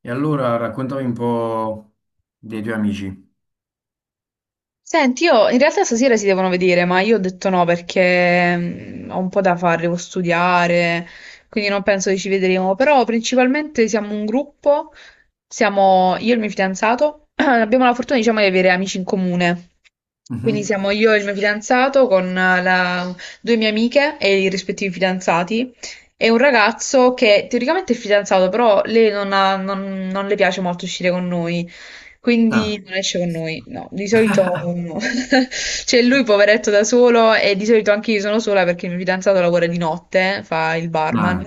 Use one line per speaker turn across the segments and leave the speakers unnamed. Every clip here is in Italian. E allora raccontami un po' dei tuoi amici.
Senti, io in realtà stasera si devono vedere, ma io ho detto no perché ho un po' da fare, devo studiare, quindi non penso che ci vedremo. Però principalmente siamo un gruppo, siamo io e il mio fidanzato, abbiamo la fortuna, diciamo, di avere amici in comune. Quindi
Mhm.
siamo io e il mio fidanzato con due mie amiche e i rispettivi fidanzati e un ragazzo che teoricamente è fidanzato, però lei non, ha- non- non le piace molto uscire con noi,
Ah,
quindi non esce con noi. No, di solito no. C'è lui poveretto da solo e di solito anche io sono sola perché il mio fidanzato lavora di notte, fa il barman.
ah,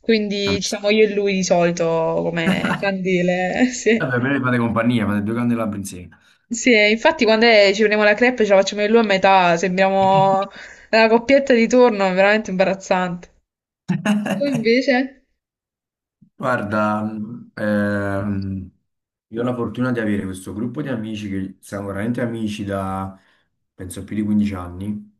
Quindi ci siamo
capisco.
io e lui di solito come candele, sì.
Vabbè, me ne fate compagnia, fate due cani e la prinsesa.
Sì, e infatti quando ci prendiamo la crepe ce la facciamo io e lui a metà, sembriamo la coppietta di turno, è veramente imbarazzante. Tu invece?
Guarda, io ho la fortuna di avere questo gruppo di amici che siamo veramente amici da, penso, più di 15 anni.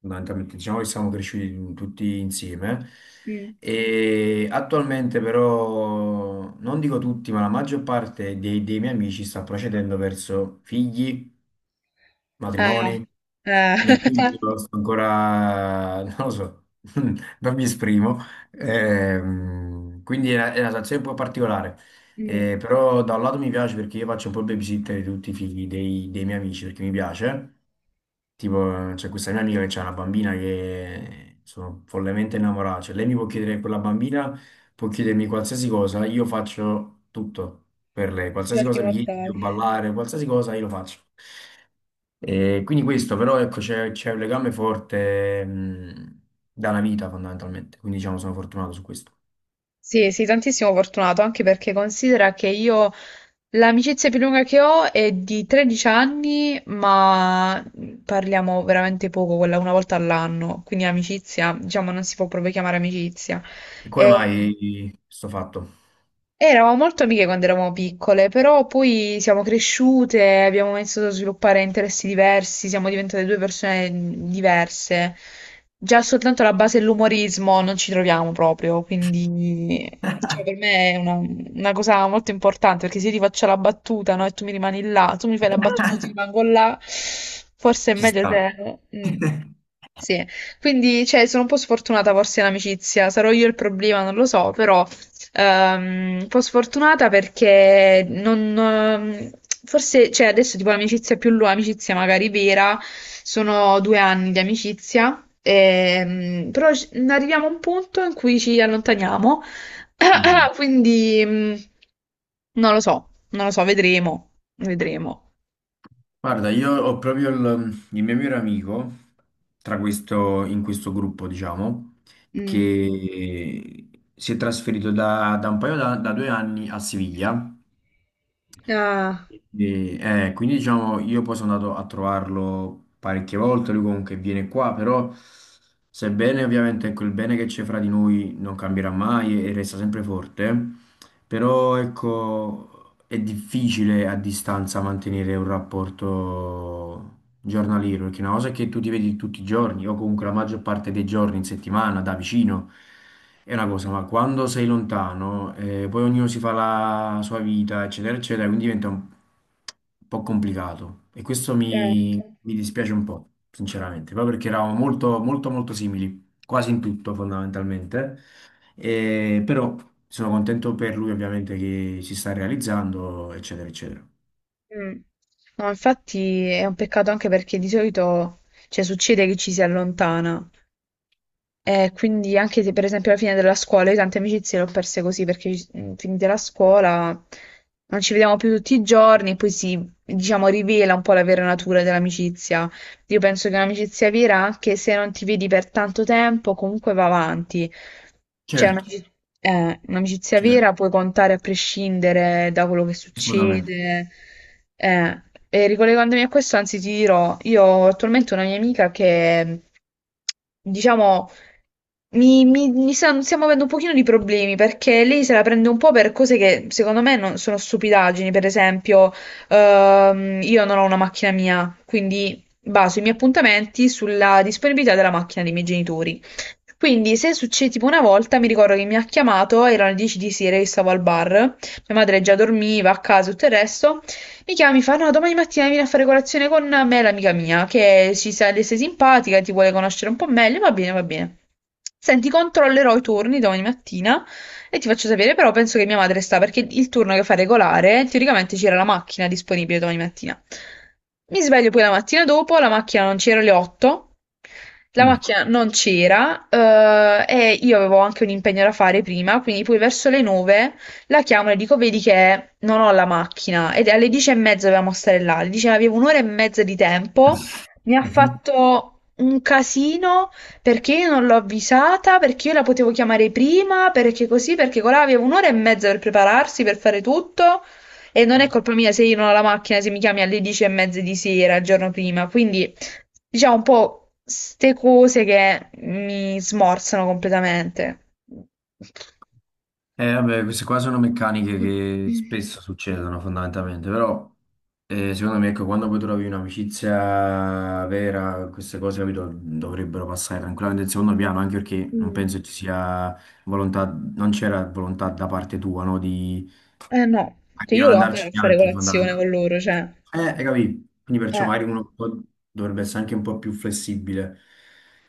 Fondamentalmente diciamo che siamo cresciuti tutti insieme
Mm.
e attualmente però non dico tutti ma la maggior parte dei miei amici sta procedendo verso figli,
Eh,
matrimoni,
eh.
Io sto ancora non lo so, non mi esprimo. Quindi è è una situazione un po' particolare.
Mm.
Però da un lato mi piace perché io faccio un po' il babysitter di tutti i figli dei miei amici perché mi piace. Tipo, c'è questa mia amica che c'ha una bambina che sono follemente innamorata. Cioè, lei mi può chiedere, quella bambina può chiedermi qualsiasi cosa, io faccio tutto per lei. Qualsiasi
Salti
cosa mi Mm. chiede,
mortali.
devo ballare, qualsiasi cosa, io lo faccio. E quindi questo, però, ecco, c'è un legame forte, dalla vita, fondamentalmente. Quindi, diciamo, sono fortunato su questo.
Sì, sì, tantissimo fortunato, anche perché considera che io l'amicizia più lunga che ho è di 13 anni, ma parliamo veramente poco, quella una volta all'anno, quindi amicizia, diciamo, non si può proprio chiamare amicizia.
E come
E-
mai sto fatto?
Eravamo molto amiche quando eravamo piccole, però poi siamo cresciute, abbiamo iniziato a sviluppare interessi diversi, siamo diventate due persone diverse. Già soltanto la base dell'umorismo non ci troviamo proprio, quindi cioè, per me è una cosa molto importante, perché se io ti faccio la battuta, no, e tu mi rimani là, tu mi fai la battuta, io ti rimango là, forse è
Ci
meglio
sta.
se... mm. Sì, quindi cioè, sono un po' sfortunata forse in amicizia, sarò io il problema, non lo so, però un po' sfortunata perché non, forse, cioè adesso tipo l'amicizia più lunga, amicizia magari vera, sono 2 anni di amicizia, però arriviamo a un punto in cui ci allontaniamo,
Mm.
quindi non lo so, non lo so, vedremo, vedremo.
Guarda, io ho proprio il mio migliore amico tra questo, in questo gruppo, diciamo,
Mm.
che si è trasferito da, da un paio da, da due anni a Siviglia.
Ah,
E, quindi, diciamo, io poi sono andato a trovarlo parecchie volte. Lui comunque viene qua, però, sebbene ovviamente ecco, il bene che c'è fra di noi non cambierà mai e resta sempre forte, però ecco, è difficile a distanza mantenere un rapporto giornaliero, perché una cosa è che tu ti vedi tutti i giorni, o comunque la maggior parte dei giorni in settimana, da vicino, è una cosa, ma quando sei lontano, poi ognuno si fa la sua vita, eccetera, eccetera, quindi diventa un po' complicato. E questo
certo.
mi dispiace un po', sinceramente, proprio perché eravamo molto, molto, molto simili, quasi in tutto fondamentalmente. Però sono contento per lui ovviamente che si sta realizzando, eccetera, eccetera.
Mm. No, infatti è un peccato anche perché di solito, cioè, succede che ci si allontana, e quindi anche se per esempio alla fine della scuola, io tante amicizie le ho perse così perché finita la scuola non ci vediamo più tutti i giorni e poi si, diciamo, rivela un po' la vera natura dell'amicizia. Io penso che un'amicizia vera, anche se non ti vedi per tanto tempo, comunque va avanti. Cioè,
Certo,
un'amicizia vera
certo,
puoi contare a prescindere da quello che
assolutamente.
succede. Eh, e ricollegandomi a questo, anzi, ti dirò, io ho attualmente una mia amica che, diciamo, stiamo avendo un pochino di problemi perché lei se la prende un po' per cose che secondo me non sono stupidaggini. Per esempio, io non ho una macchina mia, quindi baso i miei appuntamenti sulla disponibilità della macchina dei miei genitori. Quindi, se succede tipo una volta, mi ricordo che mi ha chiamato, erano le 10 di sera, io stavo al bar, mia madre già dormiva a casa, tutto il resto. Mi chiama, mi fa: no, domani mattina vieni a fare colazione con me, l'amica mia, che ci sa le sei simpatica, ti vuole conoscere un po' meglio. Va bene, va bene. Senti, controllerò i turni domani mattina e ti faccio sapere, però penso che mia madre sta perché il turno che fa regolare, teoricamente c'era la macchina disponibile domani mattina. Mi sveglio poi la mattina dopo, la macchina non c'era alle 8, la
Mm.
macchina non c'era e io avevo anche un impegno da fare prima, quindi poi verso le 9 la chiamo, e le dico, vedi che non ho la macchina ed alle 10:30 dovevamo stare là. Le dice, avevo un'ora e mezza di tempo, mi ha fatto un casino perché io non l'ho avvisata, perché io la potevo chiamare prima, perché così, perché colà aveva un'ora e mezza per prepararsi, per fare tutto. E non è
Mhm.
colpa mia se io non ho la macchina, se mi chiami alle 10:30 di sera, il giorno prima. Quindi, diciamo un po' ste cose che mi smorzano completamente.
Vabbè, queste qua sono meccaniche che spesso succedono fondamentalmente, però secondo me ecco, quando poi trovi un'amicizia vera, queste cose, capito, dovrebbero passare tranquillamente in secondo piano, anche perché non
Mm.
penso ci sia volontà, non c'era volontà da parte tua, no,
Eh no, cioè
di
io
non
volevo andare
andarci
a fare
neanche
colazione con
fondamentalmente.
loro, cioè,
Hai capito? Quindi perciò
eh,
magari uno un po' dovrebbe essere anche un po' più flessibile,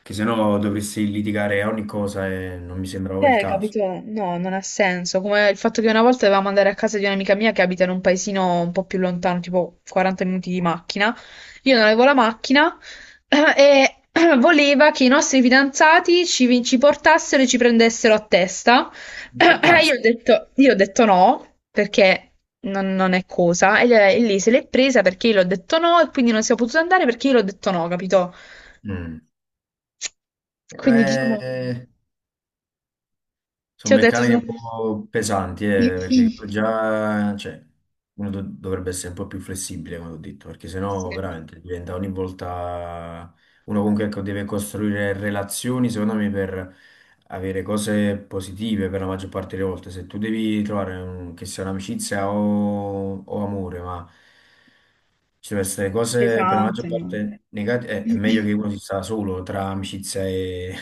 che sennò dovresti litigare a ogni cosa e non mi sembra proprio il caso.
capito? No, non ha senso. Come il fatto che una volta dovevamo andare a casa di un'amica mia che abita in un paesino un po' più lontano, tipo 40 minuti di macchina. Io non avevo la macchina e voleva che i nostri fidanzati ci, ci portassero e ci prendessero a testa. Eh,
Taxi.
Io ho detto, io ho detto no, perché non è cosa. E lei se l'è presa perché io l'ho detto no, e quindi non siamo potuti andare perché io l'ho detto no, capito?
Mm.
Quindi diciamo,
Beh,
ti
sono
ho detto
meccaniche
sono
un po' pesanti, perché già, cioè, dovrebbe essere un po' più flessibile, come ho detto, perché
sì,
sennò veramente diventa ogni volta uno comunque ecco, deve costruire relazioni, secondo me, per avere cose positive per la maggior parte delle volte. Se tu devi trovare che sia un'amicizia o amore, ma ci devono essere cose per la maggior
pesante, no?
parte negative, è meglio che uno si sta solo tra amicizia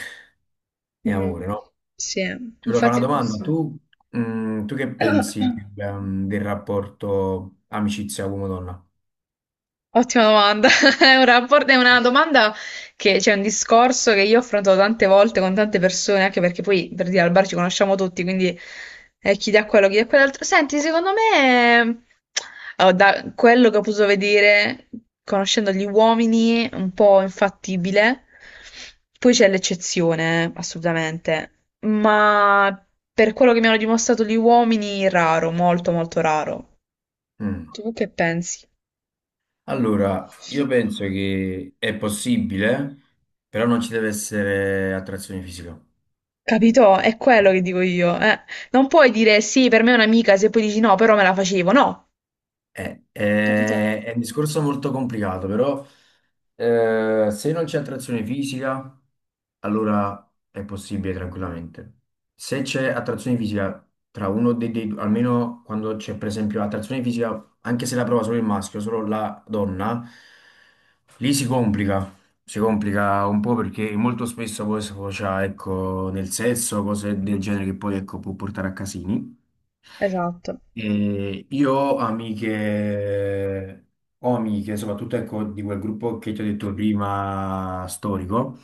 e
Mh.
amore, no?
Sì,
Ti volevo fare
infatti
una
è
domanda,
così.
tu, mm, tu che pensi del, del rapporto amicizia uomo-donna?
Ottima domanda. È una domanda che c'è un discorso che io ho affrontato tante volte con tante persone, anche perché poi per dire al bar ci conosciamo tutti, quindi chi dà quello, chi dà quell'altro. Senti, secondo me, allora, da quello che ho potuto vedere, conoscendo gli uomini, è un po' infattibile. Poi c'è l'eccezione, assolutamente. Ma per quello che mi hanno dimostrato gli uomini, raro, molto, molto raro.
Mm.
Tu che pensi?
Allora, io penso che è possibile, però non ci deve essere attrazione fisica.
Capito? È quello che dico io, eh. Non puoi dire sì, per me è un'amica, se poi dici no, però me la facevo. No, capito?
È un discorso molto complicato, però se non c'è attrazione fisica, allora è possibile tranquillamente. Se c'è attrazione fisica tra uno dei due, almeno quando c'è per esempio attrazione fisica, anche se la prova solo il maschio, solo la donna, lì si complica un po' perché molto spesso poi sfocia, ecco, nel sesso, cose del genere che poi, ecco, può portare a casini.
Esatto.
E io ho amiche, soprattutto ecco, di quel gruppo che ti ho detto prima, storico,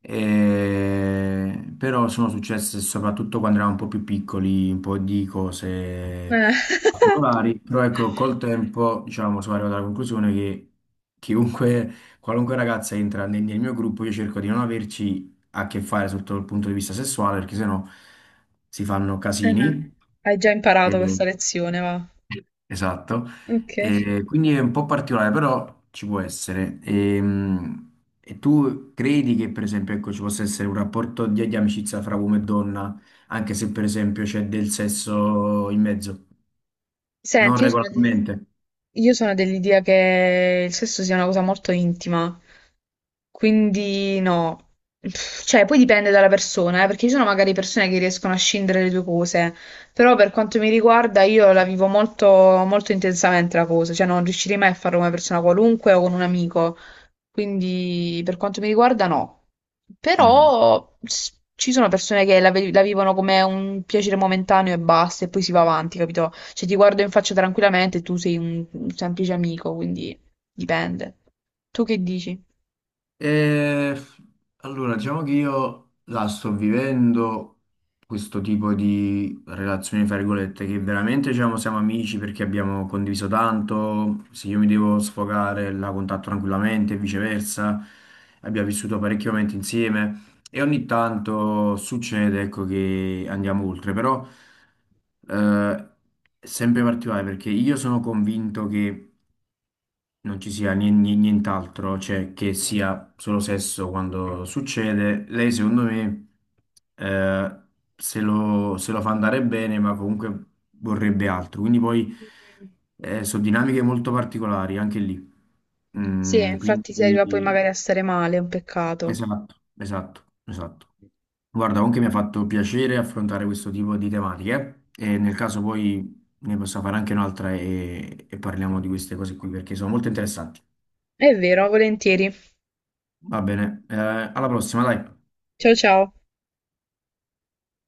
però sono successe soprattutto quando eravamo un po' più piccoli, un po' di cose
Eh.
particolari, però ecco, col tempo, diciamo, sono arrivato alla conclusione che chiunque qualunque ragazza entra nel mio gruppo, io cerco di non averci a che fare sotto il punto di vista sessuale, perché sennò si fanno
No.
casini.
Hai già
E-
imparato questa lezione, va.
Esatto.
Ok.
E quindi è un po' particolare, però ci può essere. E tu credi che, per esempio, ecco, ci possa essere un rapporto di amicizia fra uomo e donna, anche se, per esempio, c'è del sesso in mezzo? Non
Senti, io sono...
regolarmente.
Io sono dell'idea che il sesso sia una cosa molto intima, quindi no. Pff, cioè, poi dipende dalla persona, perché ci sono magari persone che riescono a scindere le due cose, però per quanto mi riguarda io la vivo molto, molto intensamente la cosa, cioè non riuscirei mai a farlo con una persona qualunque o con un amico. Quindi per quanto mi riguarda no.
Mm.
Però ci sono persone che la vivono come un piacere momentaneo e basta, e poi si va avanti, capito? Cioè ti guardo in faccia tranquillamente e tu sei un semplice amico, quindi dipende. Tu che dici?
E, allora, diciamo che io la sto vivendo questo tipo di relazioni, fra virgolette, che veramente diciamo, siamo amici perché abbiamo condiviso tanto, se io mi devo sfogare la contatto tranquillamente e viceversa, abbiamo vissuto parecchi momenti insieme e ogni tanto succede, ecco, che andiamo oltre, però eh, è sempre particolare perché io sono convinto che non ci sia nient'altro, cioè che sia solo sesso quando succede. Lei, secondo me, eh, se lo fa andare bene, ma comunque vorrebbe altro. Quindi poi
Mm.
sono dinamiche molto particolari anche lì.
Sì,
Mm,
infatti si arriva poi
quindi
magari a stare male, è un peccato.
esatto, esatto, esatto. Guarda, comunque mi ha fatto piacere affrontare questo tipo di tematiche. E nel caso poi ne posso fare anche un'altra e parliamo di queste cose qui perché sono molto interessanti.
È vero, volentieri.
Va bene, alla prossima, dai.
Ciao ciao.